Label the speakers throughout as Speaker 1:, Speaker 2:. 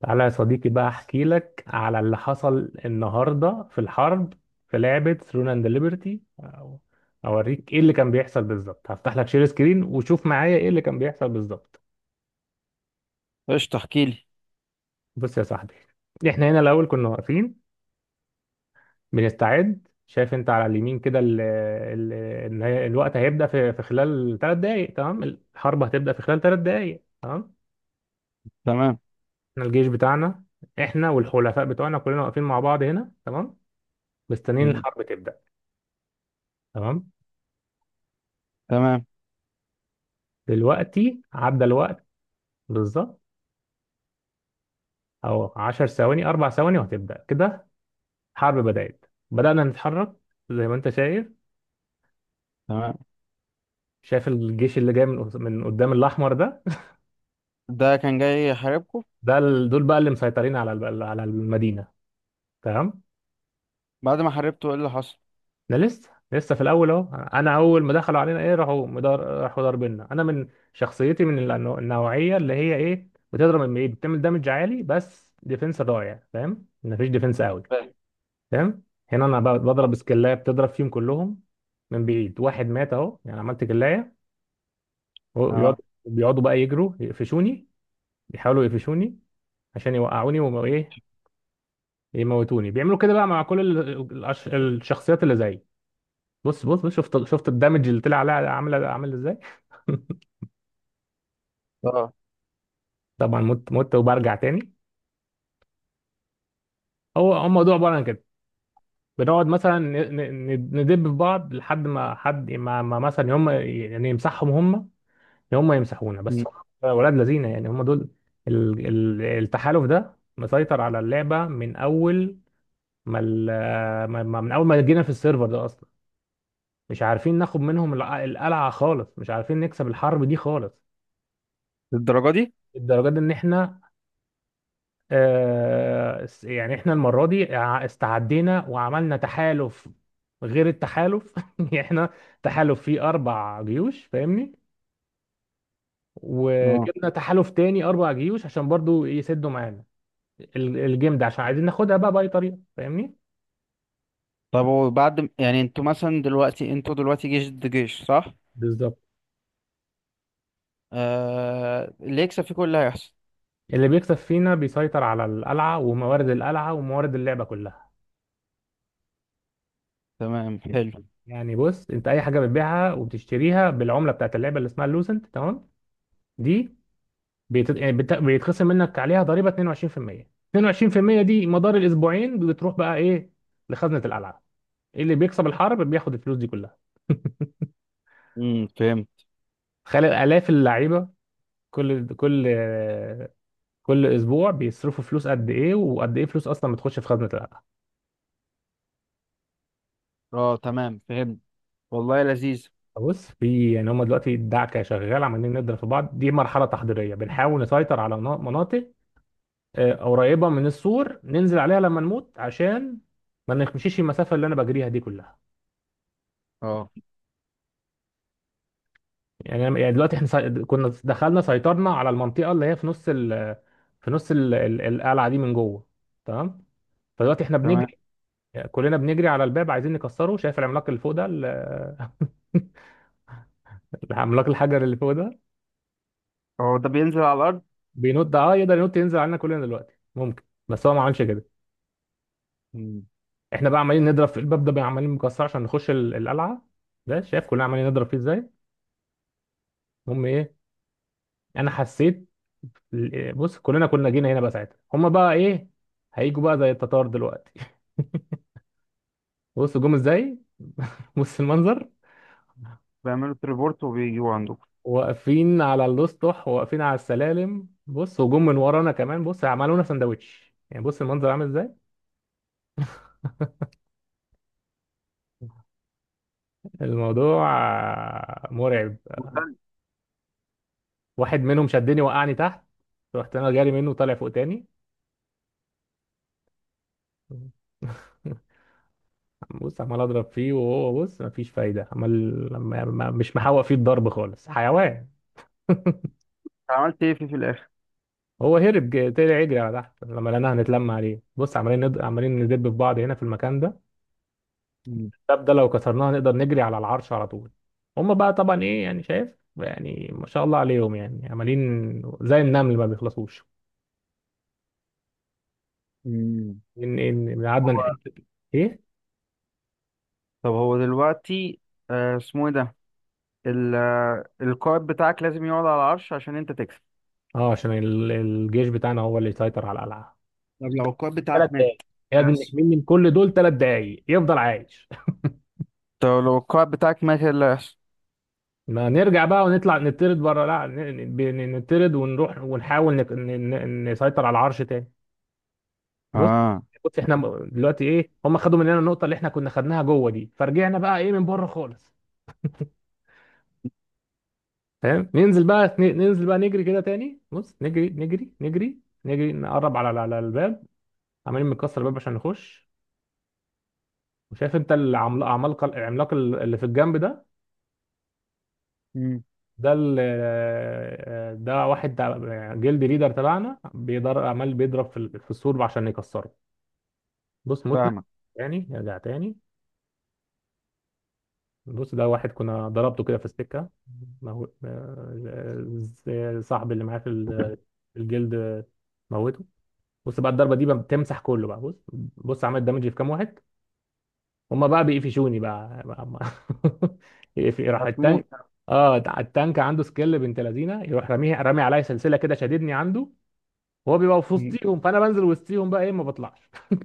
Speaker 1: تعالى يا صديقي بقى احكي لك على اللي حصل النهارده في الحرب في لعبة ثرون اند ليبرتي. اوريك ايه اللي كان بيحصل بالظبط، هفتح لك شير سكرين وشوف معايا ايه اللي كان بيحصل بالظبط.
Speaker 2: قشطة، احكي لي.
Speaker 1: بص يا صاحبي، احنا هنا الاول كنا واقفين بنستعد. شايف انت على اليمين كده الوقت هيبدأ في خلال 3 دقايق، تمام؟ الحرب هتبدأ في خلال 3 دقايق، تمام.
Speaker 2: تمام.
Speaker 1: احنا الجيش بتاعنا، احنا والحلفاء بتوعنا كلنا واقفين مع بعض هنا، تمام. مستنيين
Speaker 2: مم.
Speaker 1: الحرب تبدأ، تمام.
Speaker 2: تمام.
Speaker 1: دلوقتي عدى الوقت بالظبط. او 10 ثواني 4 ثواني وهتبدا كده. حرب بدات، بدانا نتحرك زي ما انت شايف.
Speaker 2: تمام.
Speaker 1: شايف الجيش اللي جاي من من قدام، الاحمر ده
Speaker 2: ده كان جاي يحاربكم.
Speaker 1: دول بقى اللي مسيطرين على على المدينه، تمام.
Speaker 2: بعد ما حاربته ايه اللي حصل؟
Speaker 1: ده لسه في الاول اهو. انا اول ما دخلوا علينا ايه راحوا مدار، راحوا ضاربينا. انا من شخصيتي من النوعيه اللي هي ايه بتضرب من بعيد، بتعمل دامج عالي، بس ديفنس ضايع، فاهم؟ مفيش ديفنس قوي،
Speaker 2: فاهم.
Speaker 1: تمام. هنا انا بضرب سكلايه بتضرب فيهم كلهم من بعيد. واحد مات اهو، يعني عملت كلايه. ويقعد-
Speaker 2: اه.
Speaker 1: وبيقعدوا بقى يجروا يقفشوني، بيحاولوا يقفشوني عشان يوقعوني وايه، يموتوني. بيعملوا كده بقى مع كل الشخصيات اللي زيي. بص شفت الدمج اللي طلع عليها، عامله عامل ازاي.
Speaker 2: اه.
Speaker 1: طبعا مت وبرجع تاني. هو الموضوع عباره عن كده. بنقعد مثلا ندب في بعض لحد ما حد ما, ما مثلا هم يعني يمسحهم هم، يعني هم يمسحونا بس.
Speaker 2: مم.
Speaker 1: هم ولاد لذينه، يعني هم دول التحالف ده مسيطر على اللعبه من اول ما من اول ما جينا في السيرفر ده اصلا. مش عارفين ناخد منهم القلعه خالص، مش عارفين نكسب الحرب دي خالص.
Speaker 2: الدرجة دي؟
Speaker 1: الدرجات ان احنا آه، يعني احنا المره دي استعدينا وعملنا تحالف غير التحالف يعني احنا تحالف فيه 4 جيوش، فاهمني؟
Speaker 2: اه.
Speaker 1: وجبنا تحالف تاني 4 جيوش عشان برضو يسدوا معانا الجيم ده عشان عايزين ناخدها بقى بأي طريقة، فاهمني؟
Speaker 2: طب وبعد يعني انتوا دلوقتي جيش ضد جيش، صح؟
Speaker 1: بالظبط.
Speaker 2: اللي يكسب فيكم اللي هيحصل؟
Speaker 1: اللي بيكسب فينا بيسيطر على القلعة وموارد القلعة وموارد اللعبة كلها.
Speaker 2: تمام، حلو.
Speaker 1: يعني بص، انت اي حاجة بتبيعها وبتشتريها بالعملة بتاعت اللعبة اللي اسمها اللوسنت، تمام؟ دي بيتخصم منك عليها ضريبة 22% 22% دي مدار الاسبوعين بتروح بقى ايه لخزنة القلعة. اللي بيكسب الحرب بياخد الفلوس دي كلها.
Speaker 2: فهمت.
Speaker 1: تخيل آلاف اللعيبة، كل كل اسبوع بيصرفوا فلوس قد ايه، وقد ايه فلوس اصلا بتخش في خزنة القلعة.
Speaker 2: اه، تمام، فهمت. والله، لذيذ.
Speaker 1: بص، في يعني هم دلوقتي الدعكه شغال، عمالين نضرب في بعض. دي مرحله تحضيريه بنحاول نسيطر على مناطق آه، قريبه من السور ننزل عليها لما نموت عشان ما نمشيش المسافه اللي انا بجريها دي كلها.
Speaker 2: اه،
Speaker 1: يعني يعني دلوقتي احنا كنا دخلنا سيطرنا على المنطقه اللي هي في نص القلعه دي من جوه، تمام. فدلوقتي احنا
Speaker 2: تمام.
Speaker 1: بنجري، كلنا بنجري على الباب عايزين نكسره. شايف العملاق اللي فوق ده العملاق الحجر اللي فوق ده
Speaker 2: هو ده بينزل على الارض؟
Speaker 1: بينط، اه يقدر ينط ينزل علينا كلنا دلوقتي، ممكن. بس هو ما عملش كده.
Speaker 2: مم.
Speaker 1: احنا بقى عمالين نضرب في الباب ده بقى عمالين مكسر عشان نخش القلعه. ده شايف كلنا عمالين نضرب فيه ازاي. المهم ايه، انا حسيت بص كلنا كنا جينا هنا بقى، ساعتها هما بقى ايه، هيجوا بقى زي التتار دلوقتي. بص جم ازاي، بص المنظر.
Speaker 2: بيعملوا تريبورت وبيجوا عندكم؟
Speaker 1: واقفين على الاسطح، واقفين على السلالم، بص وجم من ورانا كمان، بص عملونا سندوتش. يعني بص المنظر عامل ازاي، الموضوع آه، مرعب.
Speaker 2: وسلم.
Speaker 1: واحد منهم شدني وقعني تحت. رحت انا جاري منه طالع فوق تاني. بص عمال اضرب فيه وهو بص مفيش فايده، عمال مش محوق فيه الضرب خالص، حيوان.
Speaker 2: عملت ايه فيه في الاخر؟
Speaker 1: هو هرب طلع يجري على تحت، لما لقيناها هنتلم عليه بص عمالين عمالين ندب في بعض هنا في المكان ده.
Speaker 2: مم.
Speaker 1: الباب ده لو كسرناه نقدر نجري على العرش على طول. هما بقى طبعا ايه يعني، شايف يعني ما شاء الله عليهم، يعني عمالين زي النمل ما بيخلصوش.
Speaker 2: مم.
Speaker 1: ان قعدنا نحت ايه.
Speaker 2: طب هو دلوقتي، اسمه ايه ده؟ القائد بتاعك لازم يقعد على العرش عشان انت تكسب؟
Speaker 1: اه عشان الجيش بتاعنا هو اللي يسيطر على القلعه.
Speaker 2: طب لو القائد
Speaker 1: ثلاث
Speaker 2: بتاعك مات
Speaker 1: دقايق
Speaker 2: إيه اللي
Speaker 1: لازم
Speaker 2: هيحصل؟
Speaker 1: نحمي من كل دول، 3 دقايق يفضل عايش.
Speaker 2: طب لو القائد بتاعك مات ايه اللي هيحصل؟
Speaker 1: ما نرجع بقى ونطلع نطرد بره، لا نطرد ونروح ونحاول نسيطر على العرش تاني. بص،
Speaker 2: اه.
Speaker 1: بص احنا دلوقتي ايه، هم خدوا مننا النقطه اللي احنا كنا خدناها جوه دي، فرجعنا بقى ايه من بره خالص، فاهم؟ ننزل بقى ننزل بقى نجري كده تاني، بص نجري نجري نجري، نجري نقرب على الباب. عمالين بنكسر الباب عشان نخش. وشايف انت العملاق، العملاق اللي في الجنب ده،
Speaker 2: مم.
Speaker 1: ده ال ده واحد جلد ليدر تبعنا بيضر عمال بيضرب في في السور عشان يكسره. بص متنا
Speaker 2: فاهمك.
Speaker 1: تاني، ارجع تاني. بص ده واحد كنا ضربته كده في السكة آه، آه، صاحبي اللي معاه في في الجلد موته. بص بقى الضربة دي بقى بتمسح كله بقى، بص، بص عملت دامج في كام واحد. هما بقى بيقفشوني بقى. راح
Speaker 2: هتموت؟
Speaker 1: التانك. اه التانك عنده سكيل بنت لذينه، يروح راميه، رامي عليا سلسله كده شاددني عنده. هو بيبقى في
Speaker 2: مم.
Speaker 1: وسطيهم فانا بنزل وسطيهم بقى ايه ما بطلعش.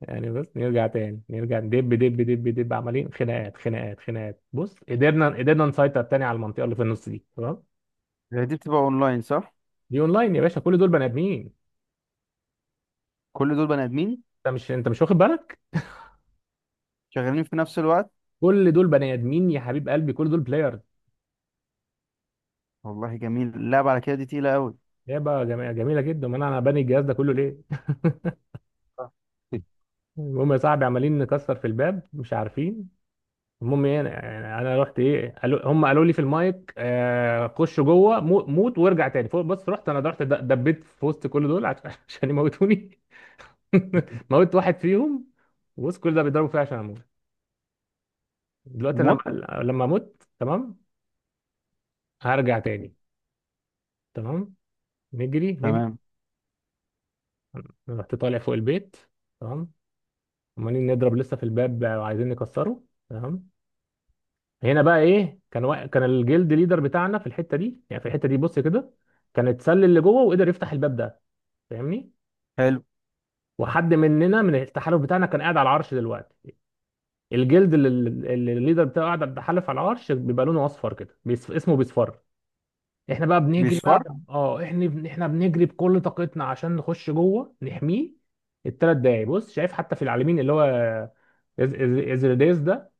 Speaker 1: يعني بس نرجع تاني، نرجع دب دب دب دب، عمالين خناقات خناقات خناقات. بص قدرنا نسيطر تاني على المنطقه اللي في النص دي، تمام.
Speaker 2: هي دي بتبقى اونلاين، صح؟
Speaker 1: دي اونلاين يا باشا، كل دول بني ادمين.
Speaker 2: كل دول بني ادمين.
Speaker 1: انت مش واخد بالك؟
Speaker 2: شغالين في نفس الوقت؟
Speaker 1: كل دول بني ادمين يا حبيب قلبي، كل دول بلايرز.
Speaker 2: والله، جميل اللعبة على كده. دي تقيلة قوي.
Speaker 1: لعبه جميله جميله جدا، امال انا باني الجهاز ده كله ليه. المهم يا صاحبي، عمالين نكسر في الباب، مش عارفين. المهم ايه، انا يعني انا رحت ايه، قالوا هم قالوا لي في المايك آه خش جوه موت وارجع تاني فوق. بس رحت انا رحت دبيت في وسط كل دول عشان يموتوني. موت واحد فيهم وسط كل ده بيضربوا فيا عشان اموت. دلوقتي أنا
Speaker 2: موت.
Speaker 1: لما اموت تمام هرجع تاني، تمام. نجري نجري،
Speaker 2: تمام.
Speaker 1: رحت طالع فوق البيت، تمام. عمالين نضرب لسه في الباب وعايزين نكسره، تمام. هنا بقى ايه كان كان الجلد ليدر بتاعنا في الحته دي، يعني في الحته دي بص كده، كان اتسلل اللي جوه وقدر يفتح الباب ده، فاهمني؟
Speaker 2: حلو.
Speaker 1: وحد مننا من التحالف بتاعنا كان قاعد على العرش دلوقتي. الجلد اللي اللي الليدر بتاعه قاعد بيتحالف على العرش، بيبقى لونه اصفر كده اسمه بيصفر. احنا بقى بنجري بقى.
Speaker 2: بيصفر؟
Speaker 1: اه احنا احنا بنجري بكل طاقتنا عشان نخش جوه نحميه الـ3 دقايق. بص شايف حتى في العالمين اللي هو ازريديس ده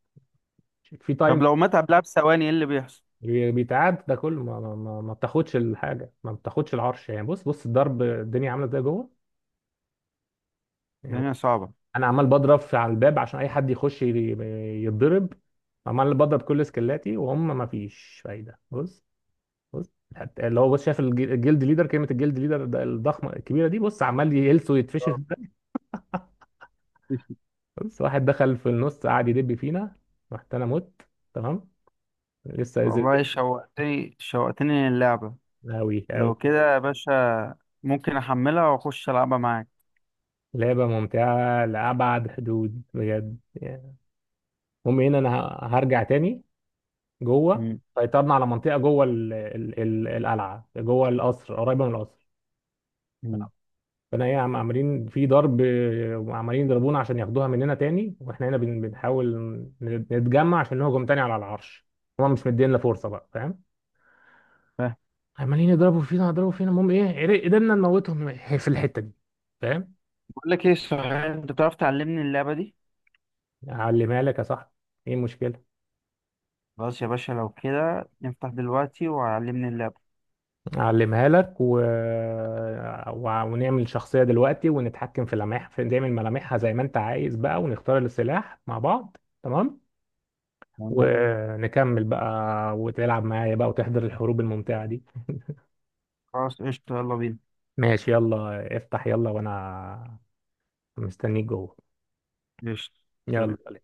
Speaker 1: في تايم.
Speaker 2: طب لو مات قبلها بثواني ايه اللي بيحصل؟
Speaker 1: بيتعاد ده كله ما بتاخدش الحاجه، ما بتاخدش العرش يعني. بص بص الضرب الدنيا عامله ازاي جوه يعني.
Speaker 2: الدنيا صعبة.
Speaker 1: انا عمال بضرب في على الباب عشان اي حد يخش يتضرب، عمال بضرب كل سكلاتي وهم ما فيش فايده. بص، بص حتى اللي هو بص شايف الجلد ليدر كلمه، الجلد ليدر ده الضخمه الكبيره دي، بص عمال يهلس ويتفشخ.
Speaker 2: آه.
Speaker 1: بص واحد دخل في النص قعد يدب فينا. رحت انا مت، تمام، لسه.
Speaker 2: والله، شوقتني شوقتني للعبة.
Speaker 1: قوي قوي.
Speaker 2: لو كده يا باشا، ممكن احملها واخش العبها معاك؟
Speaker 1: لعبه ممتعه لابعد حدود بجد. المهم هنا انا هرجع تاني جوه.
Speaker 2: مم.
Speaker 1: سيطرنا على منطقه جوه ال ال ال القلعه جوه القصر قريبه من القصر.
Speaker 2: مم.
Speaker 1: فانا ايه عم عاملين في ضرب آه، عمالين يضربونا عشان ياخدوها مننا تاني، واحنا هنا بنحاول نتجمع عشان نهجم تاني على العرش. هما مش مدينا فرصه بقى، فاهم؟
Speaker 2: فاهم.
Speaker 1: عمالين يضربوا فينا يضربوا فينا. المهم ايه، قدرنا نموتهم في الحته دي، فاهم؟
Speaker 2: بقول لك ايه، صحيح انت بتعرف تعلمني اللعبه دي؟
Speaker 1: علمها لك يا صاحبي، ايه المشكله؟
Speaker 2: خلاص يا باشا، لو كده نفتح دلوقتي وعلمني اللعبه.
Speaker 1: اعلمها لك ونعمل شخصية دلوقتي ونتحكم في لمح في نعمل ملامحها زي ما انت عايز بقى، ونختار السلاح مع بعض، تمام.
Speaker 2: تمام.
Speaker 1: ونكمل بقى وتلعب معايا بقى وتحضر الحروب الممتعة دي.
Speaker 2: خلاص، قشطه، يلا بينا.
Speaker 1: ماشي، يلا افتح يلا وانا مستنيك جوه.
Speaker 2: قشطة. سلام.
Speaker 1: يلا.